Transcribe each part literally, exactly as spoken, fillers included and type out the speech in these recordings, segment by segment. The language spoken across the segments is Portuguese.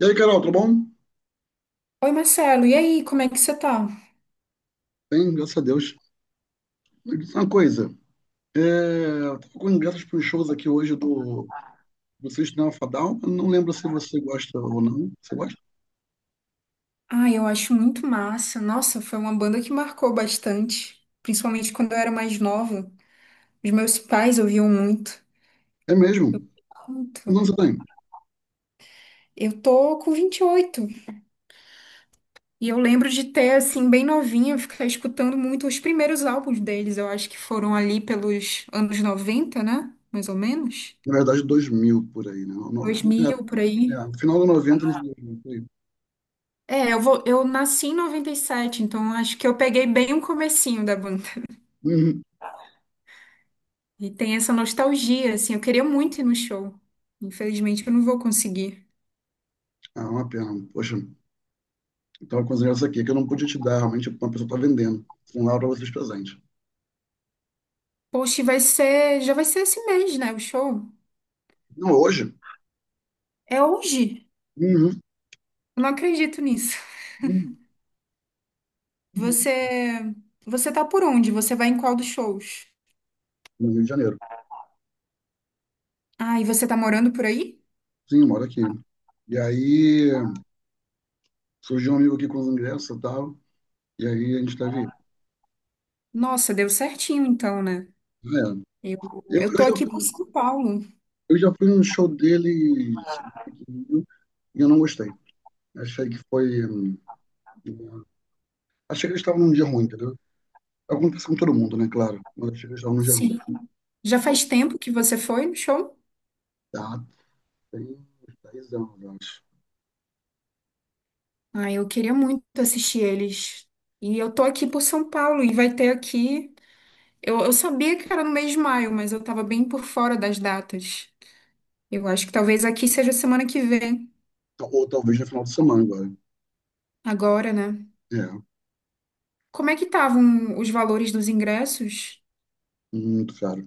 E aí, Carol, tudo bom? Oi, Marcelo, e aí, como é que você tá? Bem, graças a Deus. Me diz uma coisa, é, eu tô com ingressos para uns shows aqui hoje do você Sistema Fadal. Eu não lembro se você gosta ou não. Você gosta? Ah, eu acho muito massa. Nossa, foi uma banda que marcou bastante, principalmente quando eu era mais nova. Os meus pais ouviam muito. É mesmo? Quantos Muito. anos você tem? Eu tô com vinte e oito e eu lembro de ter, assim, bem novinha, ficar escutando muito os primeiros álbuns deles. Eu acho que foram ali pelos anos noventa, né? Mais ou menos. Na verdade, dois mil por aí, né? No, Dois mil por é, aí. é, final do noventa, início do dois mil, por aí. É, eu vou, eu nasci em noventa e sete, então acho que eu peguei bem o comecinho da banda. Uhum. E tem essa nostalgia, assim, eu queria muito ir no show. Infelizmente eu não vou conseguir. Ah, uma pena. Poxa, estava com os ingressos aqui que eu não podia te dar, realmente uma pessoa está vendendo. Vão lá para vocês presentes. Poxa, e vai ser, já vai ser esse mês, né, o show? Não, hoje? É hoje. Uhum. Eu não acredito nisso. Uhum. Uhum. Você, você tá por onde? Você vai em qual dos shows? No Rio de Janeiro. Ah, e você tá morando por aí? Sim, moro aqui. E aí. Surgiu um amigo aqui com os ingressos e tal, e aí a gente tá vindo. Nossa, deu certinho então, né? É, Eu, eu, eu eu tô já aqui por fui, São Paulo. eu já fui num show deles e eu não gostei. Achei que foi. Hum, Achei que eles estavam num dia ruim, entendeu? Acontece com todo mundo, né? Claro. Mas achei que eles estavam num dia ruim. Sim. Já faz tempo que você foi no show? Tá, tem uns dez anos, eu acho. Ah, eu queria muito assistir eles. E eu tô aqui por São Paulo e vai ter aqui. Eu, eu sabia que era no mês de maio, mas eu tava bem por fora das datas. Eu acho que talvez aqui seja semana que vem, Ou talvez no final de semana agora. agora, né? É, Como é que estavam os valores dos ingressos? muito caro.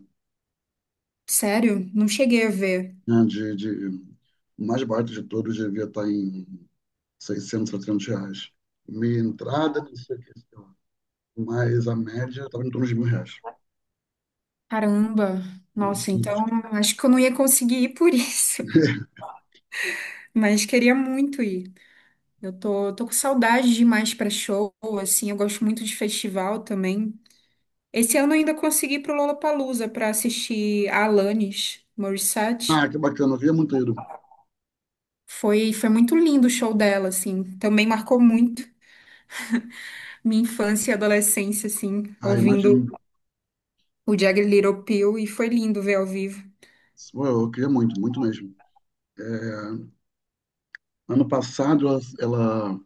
Sério? Não cheguei a ver. É, de, de- o mais barato de todos devia estar em seiscentos a trezentos reais. Meia entrada, não sei o que. Mas a média estava em torno de mil reais. Caramba. Um Nossa, absurdo. então acho que eu não ia conseguir ir por isso, mas queria muito ir. Eu tô, tô com saudade demais pra show, assim, eu gosto muito de festival também. Esse ano eu ainda consegui ir pro Lollapalooza pra assistir a Alanis Morissette. Ah, que bacana, eu queria muito ter ido. Foi, foi muito lindo o show dela, assim. Também marcou muito minha infância e adolescência, assim, Ah, ouvindo imagino. o Jagged Little Pill, e foi lindo ver ao vivo. Pô, eu queria muito, muito mesmo. Ano passado, ela, ela-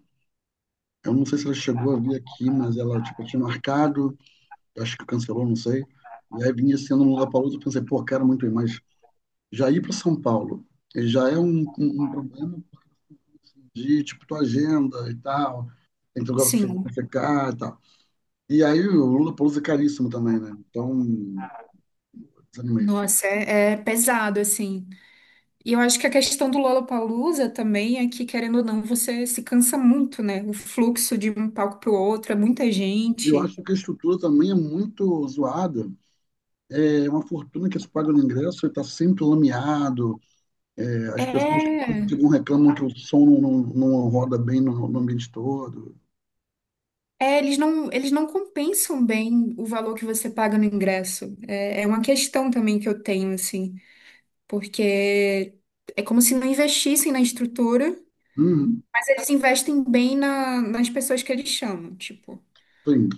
eu não sei se ela chegou a vir aqui, mas ela, tipo, tinha marcado, acho que cancelou, não sei. E aí vinha sendo no Lollapalooza, eu pensei, pô, quero muito ir, mas já ir para São Paulo eh, já é um, um, um problema de, tipo, tua agenda e tal, tem que ter lugar Sim, para ficar e tal. E aí o Lollapalooza é caríssimo também, né? Então, desanimei. nossa, é, é pesado, assim. E eu acho que a questão do Lollapalooza também é que, querendo ou não, você se cansa muito, né? O fluxo de um palco pro outro, é muita Eu gente. acho que a estrutura também é muito zoada. É uma fortuna que se paga no ingresso, está sempre lameado. É, as pessoas É, ficam reclamam que o som não, não, não roda bem no, no ambiente todo. é, eles não, eles não compensam bem o valor que você paga no ingresso. É, é uma questão também que eu tenho, assim. Porque é como se não investissem na estrutura, Uhum, mas eles investem bem na nas pessoas que eles chamam. Tipo, sim.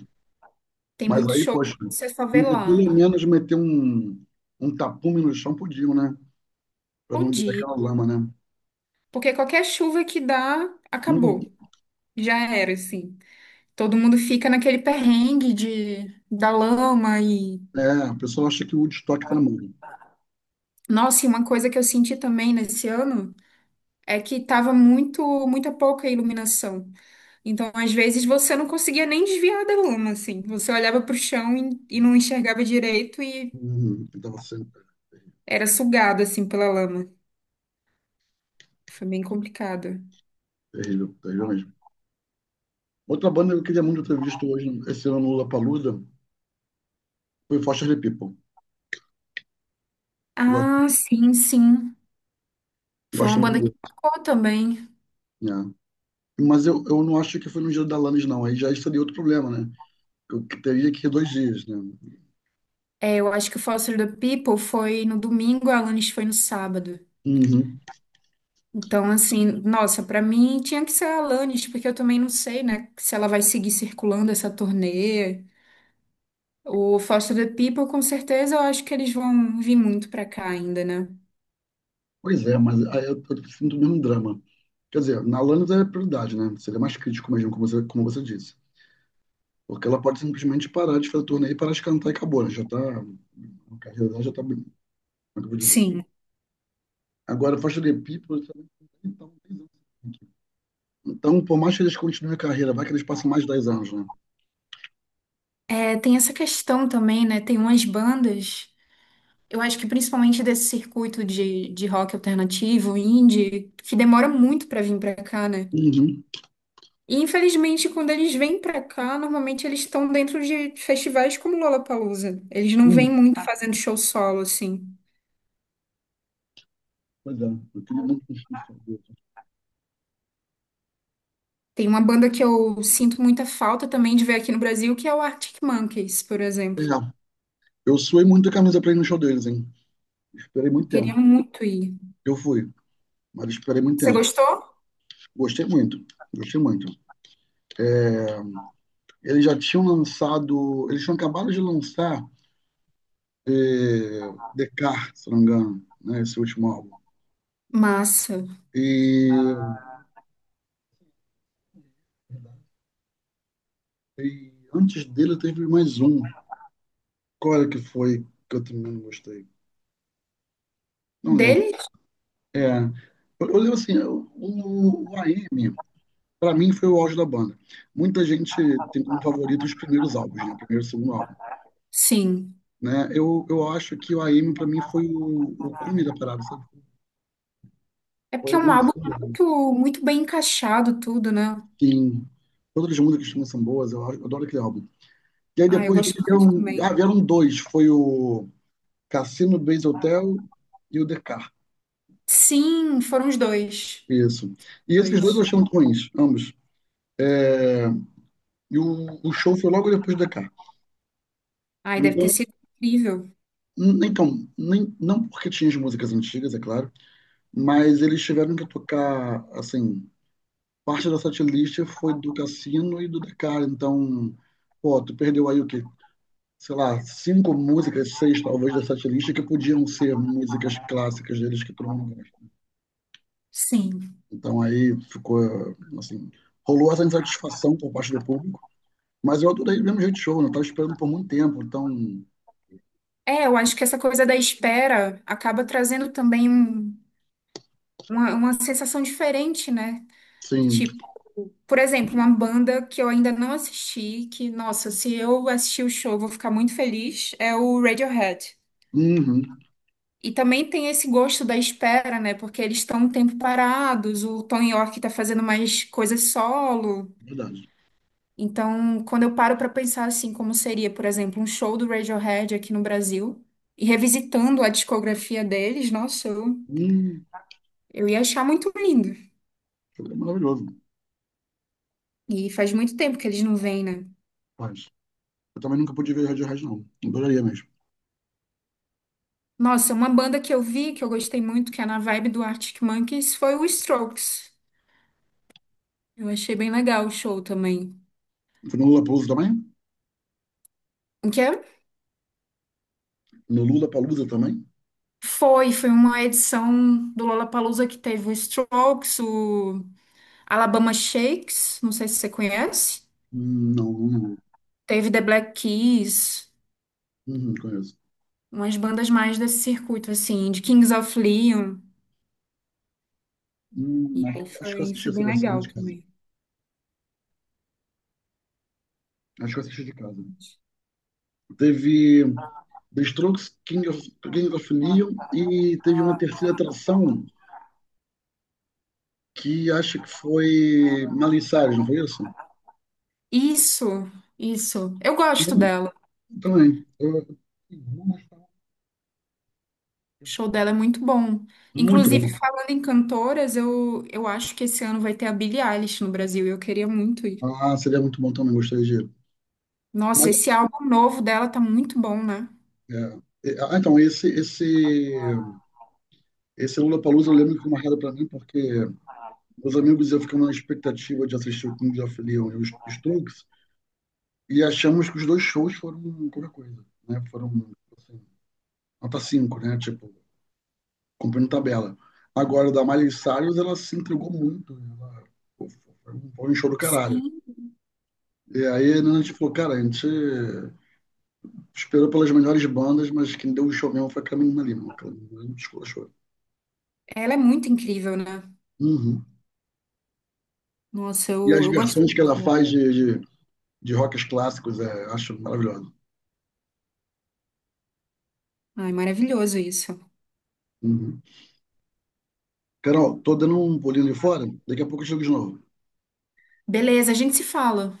tem Mas muito aí, show poxa, que você só vê entre pelo lá. menos meter um, um tapume no chão podiam, né? Para não Bom virar dia. aquela lama, né? Porque qualquer chuva que dá, Uhum. acabou. Já era, assim. Todo mundo fica naquele perrengue de, da lama e. É, o pessoal acha que o Woodstock está na moda. Nossa, e uma coisa que eu senti também nesse ano é que tava muito, muita pouca iluminação. Então, às vezes, você não conseguia nem desviar da lama, assim. Você olhava pro chão e, e não enxergava direito e Uhum, que tava sendo era sugado, assim, pela lama. Foi bem complicado. terrível, terrível mesmo. Outra banda que eu queria muito ter visto hoje, esse ano no Lollapalooza, foi Foster the People. Ah, sim, sim. Foi uma Gosto muito banda que dele. tocou também. Né? Mas eu, eu não acho que foi no dia da Lannis, não. Aí já seria outro problema, né? Eu que teria que ir dois dias, né? É, eu acho que o Foster the People foi no domingo, a Alanis foi no sábado. Uhum. Então, assim, nossa, pra mim tinha que ser a Alanis, porque eu também não sei, né, se ela vai seguir circulando essa turnê. O Foster the People, com certeza, eu acho que eles vão vir muito pra cá ainda, né? Pois é, mas aí eu, eu sinto o mesmo drama. Quer dizer, na Lannis é prioridade, né? Seria mais crítico mesmo, como você, como você disse. Porque ela pode simplesmente parar de fazer torneio e parar de cantar e acabou, né? Já tá. A carreira dela já tá bem. Como é que eu vou dizer? Sim. Agora, Faixa de People, então, tem anos. Então, por mais que eles continuem a carreira, vai que eles passam mais de dez anos, né? É, tem essa questão também, né? Tem umas bandas, eu acho que principalmente desse circuito de, de rock alternativo, indie, que demora muito pra vir pra cá, né? Uhum. E infelizmente, quando eles vêm pra cá, normalmente eles estão dentro de festivais como Lollapalooza. Eles não vêm Uhum. muito. Ah, fazendo show solo, assim. Pois é, eu queria muito que eles. Tem uma banda que eu sinto muita falta também de ver aqui no Brasil, que é o Arctic Monkeys, por É, exemplo. eu suei muito a camisa pra ir no show deles, hein? Esperei Eu muito queria tempo. muito ir. Eu fui, mas esperei muito Você tempo. gostou? Gostei muito, gostei muito. É, eles já tinham lançado, eles tinham acabado de lançar é, Descartes, se não me engano, né? Esse último álbum. Massa. E, e antes dele teve mais um. Qual era que foi que eu também não gostei? Não lembro. Dele? É, eu, eu lembro assim, eu- o, o A M, para mim foi o auge da banda. Muita gente tem como favorito os primeiros álbuns, né? O primeiro e o segundo álbum, Sim. né? Eu, eu acho que o A M para mim foi o, o cume da parada, sabe? É Foi porque é algo um álbum absurdo. muito, muito bem encaixado, tudo, né? Sim. Todas as músicas que são boas, eu adoro aquele álbum. E aí Ah, eu depois gosto dele muito vieram, também. ah, vieram dois, foi o Cassino Base Hotel e o The Car. Sim, foram os dois. Isso. E esses dois Dois. eu achei muito ruins, ambos. É, e o, o show foi logo depois do D K. Ai, deve Então, ter sido incrível. então nem, não porque tinha as músicas antigas, é claro, mas eles tiveram que tocar, assim, parte da setlist foi do Cassino e do Dakar. Então, pô, tu perdeu aí o quê? Sei lá, cinco músicas, seis talvez da setlist que podiam ser músicas clássicas deles que todo mundo gosta. Sim. Então aí ficou, assim, rolou essa insatisfação por parte do público. Mas eu adorei do mesmo jeito o show, né? Eu tava esperando por muito tempo, então, É, eu acho que essa coisa da espera acaba trazendo também um- uma, uma sensação diferente, né? sim, Tipo, por exemplo, uma banda que eu ainda não assisti, que, nossa, se eu assistir o show, eu vou ficar muito feliz, é o Radiohead. uhum, E também tem esse gosto da espera, né? Porque eles estão um tempo parados, o Tom York tá fazendo mais coisas solo. verdade. Então, quando eu paro para pensar assim, como seria, por exemplo, um show do Radiohead aqui no Brasil, e revisitando a discografia deles, nossa, eu, Hum, eu ia achar muito lindo. foi maravilhoso, E faz muito tempo que eles não vêm, né? mas eu também nunca pude ver Radiohead, não. Adoraria mesmo. Nossa, uma banda que eu vi, que eu gostei muito, que é na vibe do Arctic Monkeys, foi o Strokes. Eu achei bem legal o show também. Foi no Lollapalooza também? O que é? No Lula Palusa também? Foi, foi uma edição do Lollapalooza que teve o Strokes, o Alabama Shakes, não sei se você conhece. Hum, Não, não lembro. Teve The Black Keys, Uhum, conheço. umas bandas mais desse circuito, assim, de Kings of Leon. Hum, E acho, aí acho que eu foi, assisti foi essa bem versão legal de casa. também. Acho que eu assisti de casa. Teve The Strokes, King of, King of Neon e teve uma terceira atração que acho que foi Miley Cyrus, não foi isso? Isso, isso. Eu E gosto dela. também. Eu- O show dela é muito bom. Muito Inclusive, bom. falando em cantoras, eu, eu acho que esse ano vai ter a Billie Eilish no Brasil. E eu queria muito ir. Ah, seria muito bom também, gostaria de ir. Mas, Nossa, esse álbum novo dela tá muito bom, né? é, é, ah, então, esse, esse, esse Lollapalooza eu lembro que foi marcado para mim porque meus amigos e eu ficamos na expectativa de assistir o Kings of Leon e os Strokes e achamos que os dois shows foram qualquer coisa, né? Foram assim, nota cinco, né? Tipo, cumprindo tabela. Agora, da Miley Cyrus, ela se entregou muito. Ela pô, foi um foi um show do caralho. Sim. E aí né, a gente falou, cara, a gente esperou pelas melhores bandas, mas quem deu o show mesmo foi a Carmen Lima. A Carmen show. Ela é muito incrível, né? Uhum. Nossa, E eu, as eu gosto versões que ela muito. faz de, de, de rocks clássicos, é, acho maravilhoso. Ai, maravilhoso isso. Uhum. Carol, tô dando um pulinho ali fora, daqui a pouco eu chego de novo. Beleza, a gente se fala.